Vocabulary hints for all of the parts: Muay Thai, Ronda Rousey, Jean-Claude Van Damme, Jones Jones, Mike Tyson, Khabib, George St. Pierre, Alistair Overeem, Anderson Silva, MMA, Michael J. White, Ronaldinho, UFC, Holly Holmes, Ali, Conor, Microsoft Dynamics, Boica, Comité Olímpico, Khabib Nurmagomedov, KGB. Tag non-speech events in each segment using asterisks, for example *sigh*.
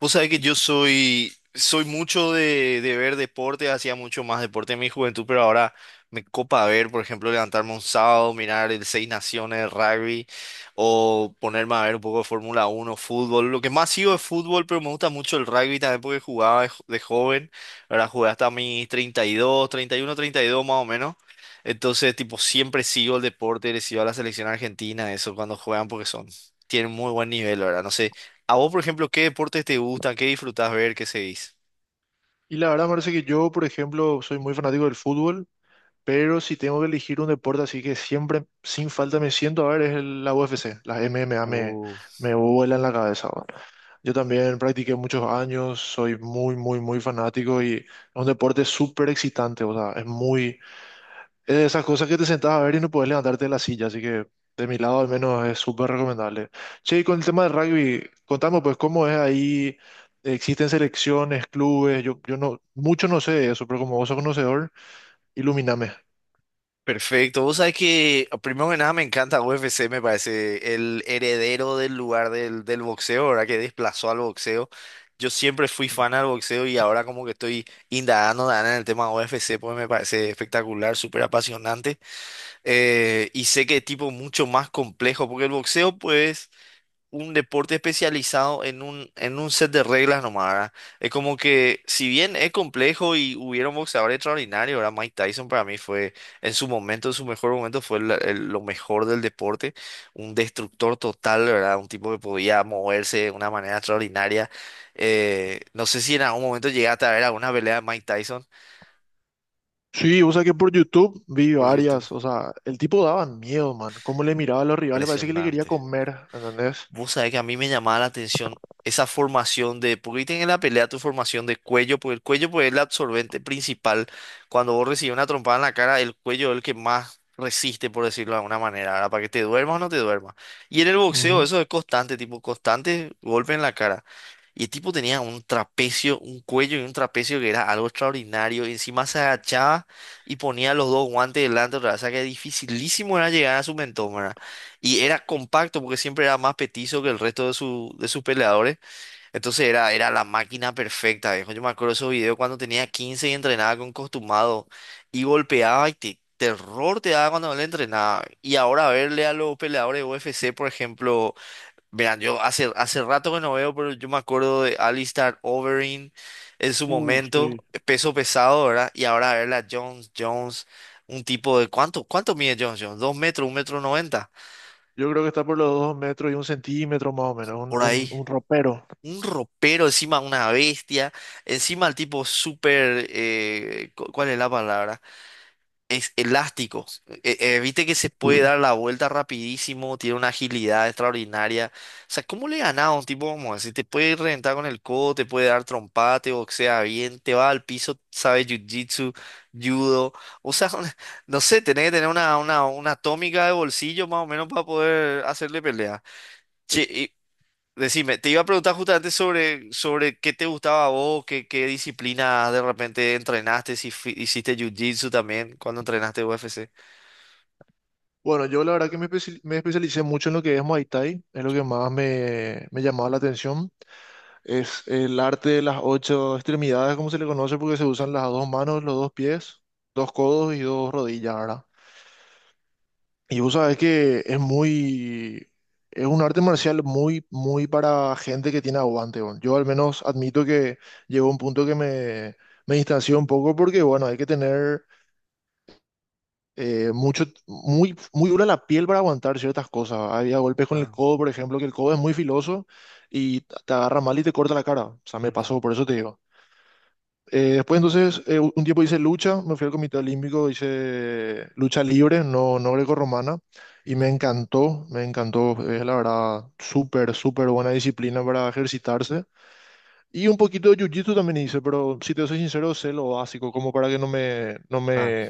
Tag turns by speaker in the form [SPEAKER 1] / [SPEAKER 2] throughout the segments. [SPEAKER 1] Vos sabés que yo soy mucho de ver deporte, hacía mucho más deporte en mi juventud, pero ahora me copa ver, por ejemplo, levantarme un sábado, mirar el Seis Naciones, el rugby, o ponerme a ver un poco de Fórmula uno fútbol. Lo que más sigo es fútbol, pero me gusta mucho el rugby también porque jugaba de joven, ahora jugué hasta mis 32 31, 32 más o menos. Entonces, tipo, siempre sigo el deporte, le sigo a la selección argentina, eso cuando juegan porque son, tienen muy buen nivel, ¿verdad? No sé. A vos, por ejemplo, ¿qué deportes te gustan? ¿Qué disfrutás ver? ¿Qué seguís?
[SPEAKER 2] Y la verdad, parece que yo, por ejemplo, soy muy fanático del fútbol, pero si tengo que elegir un deporte así que siempre, sin falta, me siento a ver, es la UFC. Las MMA
[SPEAKER 1] Oh.
[SPEAKER 2] me vuelan la cabeza, ¿no? Yo también practiqué muchos años, soy muy fanático y es un deporte súper excitante, o sea, es de esas cosas que te sentás a ver y no puedes levantarte de la silla, así que de mi lado al menos es súper recomendable. Che, y con el tema del rugby, contame pues cómo es ahí, existen selecciones, clubes, yo no, mucho no sé de eso, pero como vos sos conocedor, ilumíname.
[SPEAKER 1] Perfecto. Vos sabés que, primero que nada, me encanta UFC, me parece el heredero del lugar del boxeo, ¿verdad? Que desplazó al boxeo. Yo siempre fui
[SPEAKER 2] Ujú.
[SPEAKER 1] fan al boxeo y ahora como que estoy indagando en el tema UFC, pues me parece espectacular, súper apasionante. Y sé que es tipo mucho más complejo, porque el boxeo, pues un deporte especializado en un set de reglas nomás, ¿verdad? Es como que, si bien es complejo y hubieron boxeadores extraordinarios, ¿verdad? Mike Tyson para mí fue, en su momento, en su mejor momento, fue lo mejor del deporte, un destructor total, ¿verdad? Un tipo que podía moverse de una manera extraordinaria. No sé si en algún momento llegaste a ver alguna pelea de Mike Tyson
[SPEAKER 2] Sí, o sea que por YouTube vi
[SPEAKER 1] por YouTube.
[SPEAKER 2] varias, o sea, el tipo daba miedo, man, cómo le miraba a los rivales, parece que le quería
[SPEAKER 1] Impresionante.
[SPEAKER 2] comer, ¿entendés?
[SPEAKER 1] Vos sabés que a mí me llamaba la atención esa formación de, porque ahí tenés en la pelea tu formación de cuello, porque el cuello pues, es el absorbente principal. Cuando vos recibís una trompada en la cara, el cuello es el que más resiste, por decirlo de alguna manera, ¿verdad? Para que te duermas o no te duermas. Y en el boxeo
[SPEAKER 2] Ujú.
[SPEAKER 1] eso es constante, tipo constante golpe en la cara. Y el tipo tenía un trapecio, un cuello y un trapecio que era algo extraordinario. Y encima se agachaba y ponía los dos guantes delante otra vez. O sea que dificilísimo era llegar a su mentón, ¿verdad? Y era compacto porque siempre era más petizo que el resto de, su, de sus peleadores. Entonces era la máquina perfecta, viejo. Yo me acuerdo de esos videos cuando tenía 15 y entrenaba con costumado y golpeaba y terror te daba cuando no le entrenaba. Y ahora verle a los peleadores de UFC, por ejemplo, verán, yo hace rato que no veo, pero yo me acuerdo de Alistair Overeem en su
[SPEAKER 2] Sí.
[SPEAKER 1] momento, peso pesado, ¿verdad? Y ahora verle a Jones Jones, un tipo de, ¿cuánto mide Jones Jones? ¿Dos metros, un metro noventa?
[SPEAKER 2] Yo creo que está por los dos metros y un centímetro más o menos, un,
[SPEAKER 1] Por ahí.
[SPEAKER 2] ropero.
[SPEAKER 1] Un ropero, encima una bestia, encima el tipo súper, ¿cuál es la palabra? Es elástico. Viste que se puede
[SPEAKER 2] Mm.
[SPEAKER 1] dar la vuelta rapidísimo, tiene una agilidad extraordinaria. O sea, ¿cómo le ganás a un tipo como ese? Te puede reventar con el codo, te puede dar trompate, te boxea bien, te va al piso, sabe jiu-jitsu, judo. O sea, *laughs* no sé, tenés que tener una atómica de bolsillo más o menos para poder hacerle pelea. Che, decime, te iba a preguntar justamente sobre qué te gustaba a vos, qué disciplina de repente entrenaste, si hiciste jiu-jitsu también cuando entrenaste UFC.
[SPEAKER 2] Bueno, yo la verdad que me especialicé mucho en lo que es Muay Thai, es lo que más me llamaba la atención. Es el arte de las ocho extremidades, como se le conoce, porque se usan las dos manos, los dos pies, dos codos y dos rodillas, ¿verdad? Y vos sabés que es un arte marcial muy para gente que tiene aguante. Bueno, yo al menos admito que llegó un punto que me distancié un poco porque, bueno, hay que tener mucho, muy dura la piel para aguantar ciertas cosas. Había golpes con el
[SPEAKER 1] Claro.
[SPEAKER 2] codo, por ejemplo, que el codo es muy filoso y te agarra mal y te corta la cara. O sea, me
[SPEAKER 1] Ujú,
[SPEAKER 2] pasó, por eso te digo. Después, entonces, un tiempo hice lucha, me fui al Comité Olímpico, hice lucha libre, no grecorromana, y me
[SPEAKER 1] ujú.
[SPEAKER 2] encantó, me encantó. Es la verdad, súper buena disciplina para ejercitarse. Y un poquito de jiu-jitsu también hice, pero si te soy sincero, sé lo básico, como para que no
[SPEAKER 1] Claro.
[SPEAKER 2] me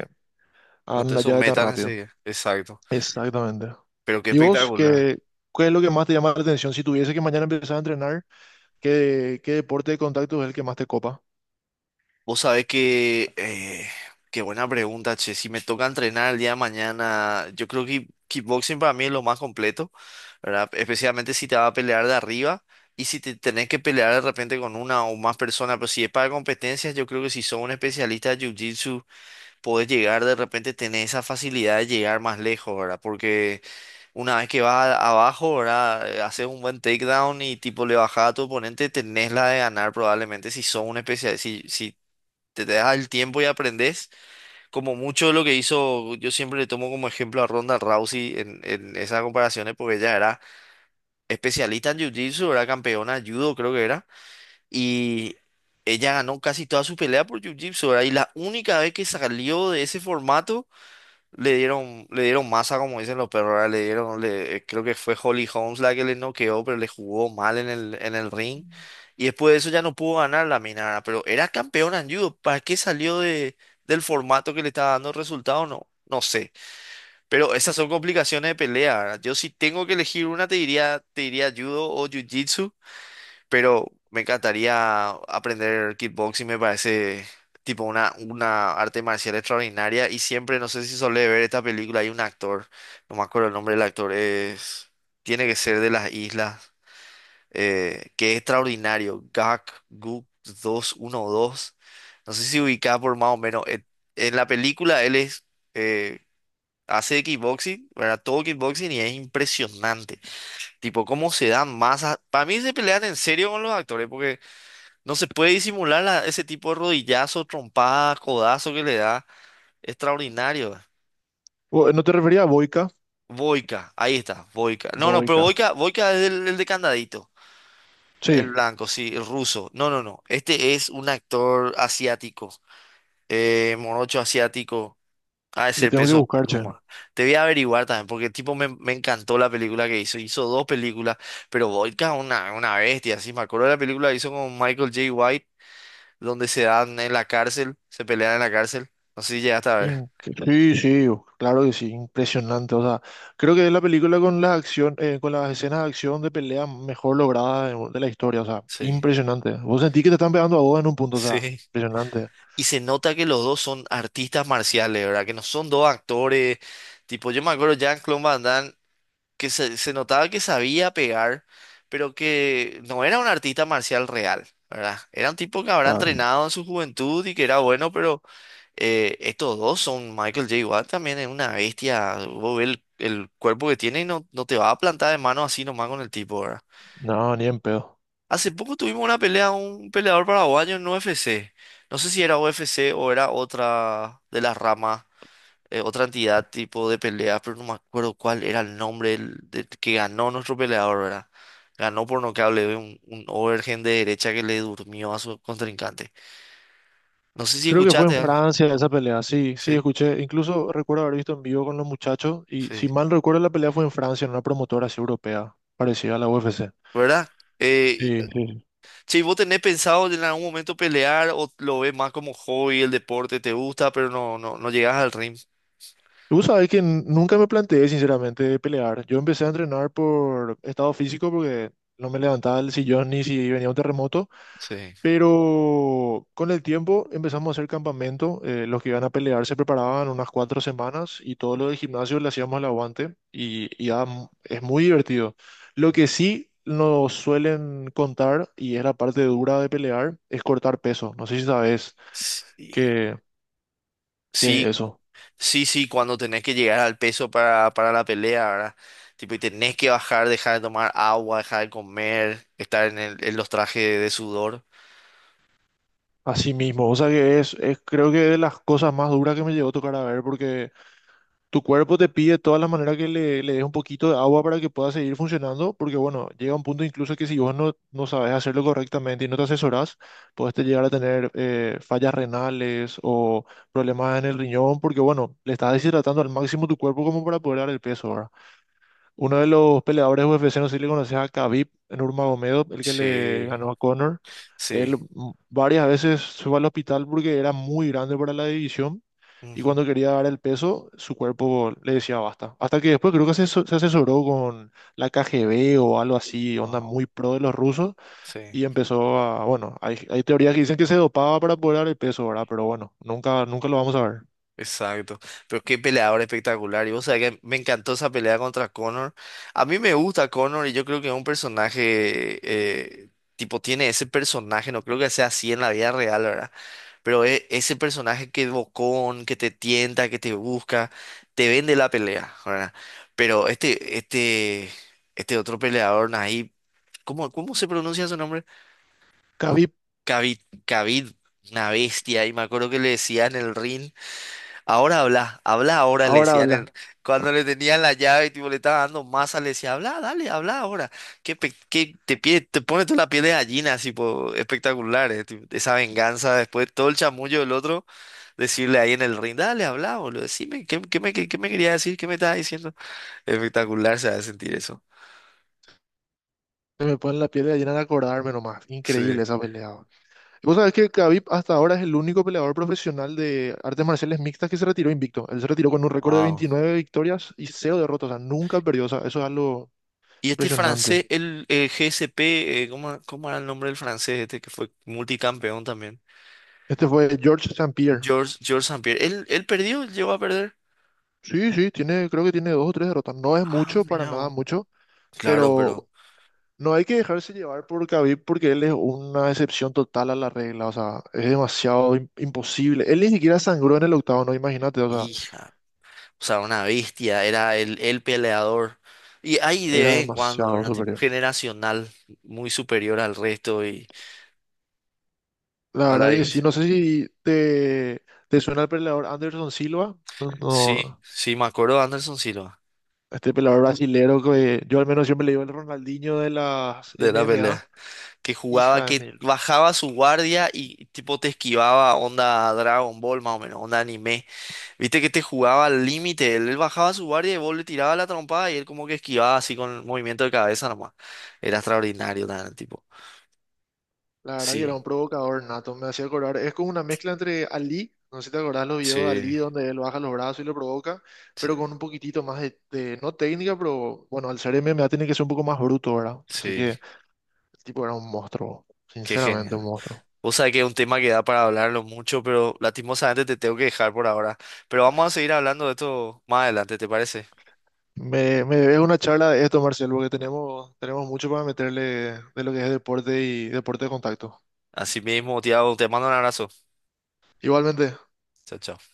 [SPEAKER 1] No
[SPEAKER 2] hagan
[SPEAKER 1] te
[SPEAKER 2] una llave tan
[SPEAKER 1] sometan
[SPEAKER 2] rápido.
[SPEAKER 1] así. Exacto.
[SPEAKER 2] Exactamente.
[SPEAKER 1] Pero qué
[SPEAKER 2] ¿Y vos
[SPEAKER 1] espectacular.
[SPEAKER 2] qué es lo que más te llama la atención? Si tuviese que mañana empezar a entrenar, qué deporte de contacto es el que más te copa?
[SPEAKER 1] Vos sabés que, qué buena pregunta, che. Si me toca entrenar el día de mañana, yo creo que kickboxing para mí es lo más completo, ¿verdad? Especialmente si te vas a pelear de arriba y si te tenés que pelear de repente con una o más personas, pero si es para competencias, yo creo que si sos un especialista de jiu-jitsu, podés llegar de repente, tener esa facilidad de llegar más lejos, ¿verdad? Porque una vez que vas abajo, ¿verdad? Haces un buen takedown y tipo le bajas a tu oponente, tenés la de ganar probablemente si sos un especialista, te das el tiempo y aprendes, como mucho de lo que hizo, yo siempre le tomo como ejemplo a Ronda Rousey en, esas comparaciones, porque ella era especialista en Jiu-Jitsu, era campeona de judo, creo que era, y ella ganó casi toda su pelea por Jiu-Jitsu, ¿verdad? Y la única vez que salió de ese formato le dieron masa, como dicen los perros, ¿verdad? Le dieron, le, creo que fue Holly Holmes la que le noqueó, pero le jugó mal en el ring. Y después de eso ya no pudo ganar la mina, ¿verdad? Pero era campeona en judo. ¿Para qué salió del formato que le estaba dando resultado? No, no sé. Pero esas son complicaciones de pelea, ¿verdad? Yo si tengo que elegir una, te diría judo o jiu-jitsu, pero me encantaría aprender kickboxing, me parece tipo una arte marcial extraordinaria y siempre, no sé si solé ver esta película, hay un actor, no me acuerdo el nombre del actor, es, tiene que ser de las islas, que es extraordinario, Gak Guk 212, no sé si ubicaba por más o menos, en la película él es. eh, Hace kickboxing, ¿verdad? Todo kickboxing y es impresionante. Tipo, cómo se dan masas. Para mí se pelean en serio con los actores, porque no se puede disimular ese tipo de rodillazo, trompada, codazo que le da. Extraordinario.
[SPEAKER 2] ¿No te refería a Boica?
[SPEAKER 1] Boica, ahí está, Boica. No, no, pero
[SPEAKER 2] Boica.
[SPEAKER 1] Boica, Boica es el de candadito. El
[SPEAKER 2] Sí,
[SPEAKER 1] blanco, sí, el ruso. No, no, no. Este es un actor asiático. Morocho asiático. Ah,
[SPEAKER 2] le
[SPEAKER 1] ese
[SPEAKER 2] tengo que
[SPEAKER 1] peso
[SPEAKER 2] buscar, che.
[SPEAKER 1] pluma. Te voy a averiguar también, porque el tipo me encantó la película que hizo. Hizo dos películas, pero Boica es una bestia. Sí, me acuerdo de la película que hizo con Michael J. White donde se dan en la cárcel, se pelean en la cárcel. No sé si llegaste a ver.
[SPEAKER 2] Inc- Sí, sí, claro que sí, impresionante. O sea, creo que es la película con la acción, con las escenas de acción de pelea mejor lograda de la historia. O sea,
[SPEAKER 1] Sí,
[SPEAKER 2] impresionante. Vos sentís que te están pegando a vos en un punto, o sea,
[SPEAKER 1] sí.
[SPEAKER 2] impresionante.
[SPEAKER 1] Y se nota que los dos son artistas marciales, ¿verdad? Que no son dos actores. Tipo, yo me acuerdo Jean-Claude Van Damme, que se notaba que sabía pegar, pero que no era un artista marcial real, ¿verdad? Era un tipo que habrá
[SPEAKER 2] Claro.
[SPEAKER 1] entrenado en su juventud y que era bueno, pero estos dos son Michael J. Watt también es una bestia. Vos ves el cuerpo que tiene y no, no te va a plantar de mano así nomás con el tipo, ¿verdad?
[SPEAKER 2] No, ni en pedo.
[SPEAKER 1] Hace poco tuvimos una pelea, un peleador paraguayo en UFC. No sé si era UFC o era otra de las ramas, otra entidad tipo de pelea, pero no me acuerdo cuál era el nombre del que ganó nuestro peleador, ¿verdad? Ganó por nocaut, le dio un overhand de derecha que le durmió a su contrincante. No sé si
[SPEAKER 2] Creo que fue en
[SPEAKER 1] escuchaste, ah.
[SPEAKER 2] Francia esa pelea, sí, sí,
[SPEAKER 1] Sí,
[SPEAKER 2] escuché, incluso recuerdo haber visto en vivo con los muchachos y
[SPEAKER 1] sí,
[SPEAKER 2] si mal recuerdo la pelea fue en Francia, en una promotora así europea, parecida a la UFC.
[SPEAKER 1] ¿verdad? Eh,
[SPEAKER 2] Sí, sí.
[SPEAKER 1] Che, ¿vos tenés pensado en algún momento pelear o lo ves más como hobby, el deporte te gusta, pero no, no, no llegas al ring?
[SPEAKER 2] Tú sabes que nunca me planteé sinceramente de pelear. Yo empecé a entrenar por estado físico porque no me levantaba del sillón ni si venía un terremoto.
[SPEAKER 1] Sí.
[SPEAKER 2] Pero con el tiempo empezamos a hacer campamento. Los que iban a pelear se preparaban unas cuatro semanas y todo lo del gimnasio le hacíamos el aguante y, es muy divertido. Lo que sí nos suelen contar, y es la parte dura de pelear, es cortar peso. No sé si sabes
[SPEAKER 1] Sí.
[SPEAKER 2] qué, qué es
[SPEAKER 1] Sí,
[SPEAKER 2] eso.
[SPEAKER 1] sí, sí, cuando tenés que llegar al peso para, la pelea, ¿verdad? Tipo, y tenés que bajar, dejar de tomar agua, dejar de comer, estar en los trajes de sudor.
[SPEAKER 2] Así mismo, o sea que es creo que de las cosas más duras que me llegó a tocar a ver, porque tu cuerpo te pide de todas las maneras que le des un poquito de agua para que pueda seguir funcionando, porque bueno, llega un punto incluso que si vos no sabes hacerlo correctamente y no te asesorás, puedes te llegar a tener fallas renales o problemas en el riñón, porque bueno, le estás deshidratando al máximo tu cuerpo como para poder dar el peso, ¿verdad? Uno de los peleadores UFC, no sé si le conoces a Khabib Nurmagomedov, el que le
[SPEAKER 1] Sí,
[SPEAKER 2] ganó a Conor.
[SPEAKER 1] sí.
[SPEAKER 2] Él mm, varias veces se fue al hospital porque era muy grande para la división y
[SPEAKER 1] Ujú.
[SPEAKER 2] cuando quería dar el peso, su cuerpo le decía basta. Hasta que después creo que se asesoró con la KGB o algo así, onda
[SPEAKER 1] Wow.
[SPEAKER 2] muy pro de los rusos
[SPEAKER 1] Sí,
[SPEAKER 2] y empezó a, bueno, hay teorías que dicen que se dopaba para poder dar el peso, ¿verdad? Pero bueno, nunca, nunca lo vamos a ver.
[SPEAKER 1] exacto. Pero qué peleador espectacular. Y vos sabés que me encantó esa pelea contra Conor. A mí me gusta Conor y yo creo que es un personaje, eh, tipo, tiene ese personaje, no creo que sea así en la vida real, ¿verdad? Pero ese personaje que es bocón, que te tienta, que te busca, te vende la pelea, ¿verdad? Pero este otro peleador, Nahib, ¿cómo se pronuncia su nombre?
[SPEAKER 2] Khabib
[SPEAKER 1] Khabib, Khabib, una bestia. Y me acuerdo que le decía en el ring, ahora habla, habla ahora, le
[SPEAKER 2] ahora
[SPEAKER 1] decían
[SPEAKER 2] habla.
[SPEAKER 1] el, cuando le tenían la llave y tipo, le estaba dando masa, le decía, habla, dale, habla ahora. Que te pone toda la piel de gallina, así, po, espectacular, tipo, esa venganza después, todo el chamullo del otro decirle ahí en el ring, dale, habla, boludo, decime, ¿qué me quería decir? ¿Qué me estaba diciendo? Espectacular se va a sentir eso.
[SPEAKER 2] Se me pone la piel de gallina de acordarme nomás. Increíble
[SPEAKER 1] Sí.
[SPEAKER 2] esa pelea. Vos sabés que Khabib hasta ahora es el único peleador profesional de artes marciales mixtas que se retiró invicto. Él se retiró con un récord de
[SPEAKER 1] Wow.
[SPEAKER 2] 29 victorias y cero derrotas. O sea, nunca perdió. O sea, eso es algo
[SPEAKER 1] Y este
[SPEAKER 2] impresionante.
[SPEAKER 1] francés, GSP, ¿cómo era el nombre del francés este que fue multicampeón también?
[SPEAKER 2] Este fue George St. Pierre.
[SPEAKER 1] George St. Pierre. ¿Él perdió? ¿Él llegó a perder?
[SPEAKER 2] Sí, sí, tiene, creo que tiene dos o tres derrotas. No es
[SPEAKER 1] Ah,
[SPEAKER 2] mucho, para
[SPEAKER 1] mira
[SPEAKER 2] nada
[SPEAKER 1] vos.
[SPEAKER 2] mucho,
[SPEAKER 1] Claro,
[SPEAKER 2] pero
[SPEAKER 1] pero,
[SPEAKER 2] no hay que dejarse llevar por Khabib porque él es una excepción total a la regla. O sea, es demasiado imposible. Él ni siquiera sangró en el octavo, no, imagínate. O sea,
[SPEAKER 1] hija, o sea, una bestia, era el peleador. Y hay de
[SPEAKER 2] era
[SPEAKER 1] vez en cuando,
[SPEAKER 2] demasiado
[SPEAKER 1] ¿verdad? Tipo,
[SPEAKER 2] superior.
[SPEAKER 1] generacional, muy superior al resto y
[SPEAKER 2] La
[SPEAKER 1] a
[SPEAKER 2] verdad
[SPEAKER 1] la.
[SPEAKER 2] que sí, no sé si te suena el peleador Anderson Silva, no,
[SPEAKER 1] Sí,
[SPEAKER 2] no,
[SPEAKER 1] sí, me acuerdo de Anderson Silva,
[SPEAKER 2] este peleador brasilero que yo al menos siempre le digo el Ronaldinho de las
[SPEAKER 1] de la
[SPEAKER 2] MMA,
[SPEAKER 1] pelea. Que jugaba,
[SPEAKER 2] hija de
[SPEAKER 1] que
[SPEAKER 2] mil.
[SPEAKER 1] bajaba su guardia y tipo te esquivaba onda Dragon Ball más o menos, onda anime. Viste que te jugaba al límite, él bajaba su guardia y vos le tirabas la trompada y él como que esquivaba así con el movimiento de cabeza nomás. Era extraordinario también, tipo.
[SPEAKER 2] La verdad que era
[SPEAKER 1] Sí,
[SPEAKER 2] un provocador nato, me hacía acordar, es como una mezcla entre Ali, no sé si te acordás los videos de
[SPEAKER 1] sí,
[SPEAKER 2] Ali donde él baja los brazos y lo provoca,
[SPEAKER 1] sí,
[SPEAKER 2] pero con un poquitito más de, no técnica, pero bueno, al ser MMA tiene que ser un poco más bruto, ¿verdad? Así
[SPEAKER 1] sí,
[SPEAKER 2] que el tipo era un monstruo,
[SPEAKER 1] qué
[SPEAKER 2] sinceramente un
[SPEAKER 1] genial.
[SPEAKER 2] monstruo.
[SPEAKER 1] Vos sabés que es un tema que da para hablarlo mucho, pero lastimosamente te tengo que dejar por ahora. Pero vamos a seguir hablando de esto más adelante, ¿te parece?
[SPEAKER 2] Me debes una charla de esto, Marcelo, porque tenemos, tenemos mucho para meterle de lo que es deporte y deporte de contacto.
[SPEAKER 1] Así mismo, Tiago, te mando un abrazo.
[SPEAKER 2] Igualmente.
[SPEAKER 1] Chao, chao.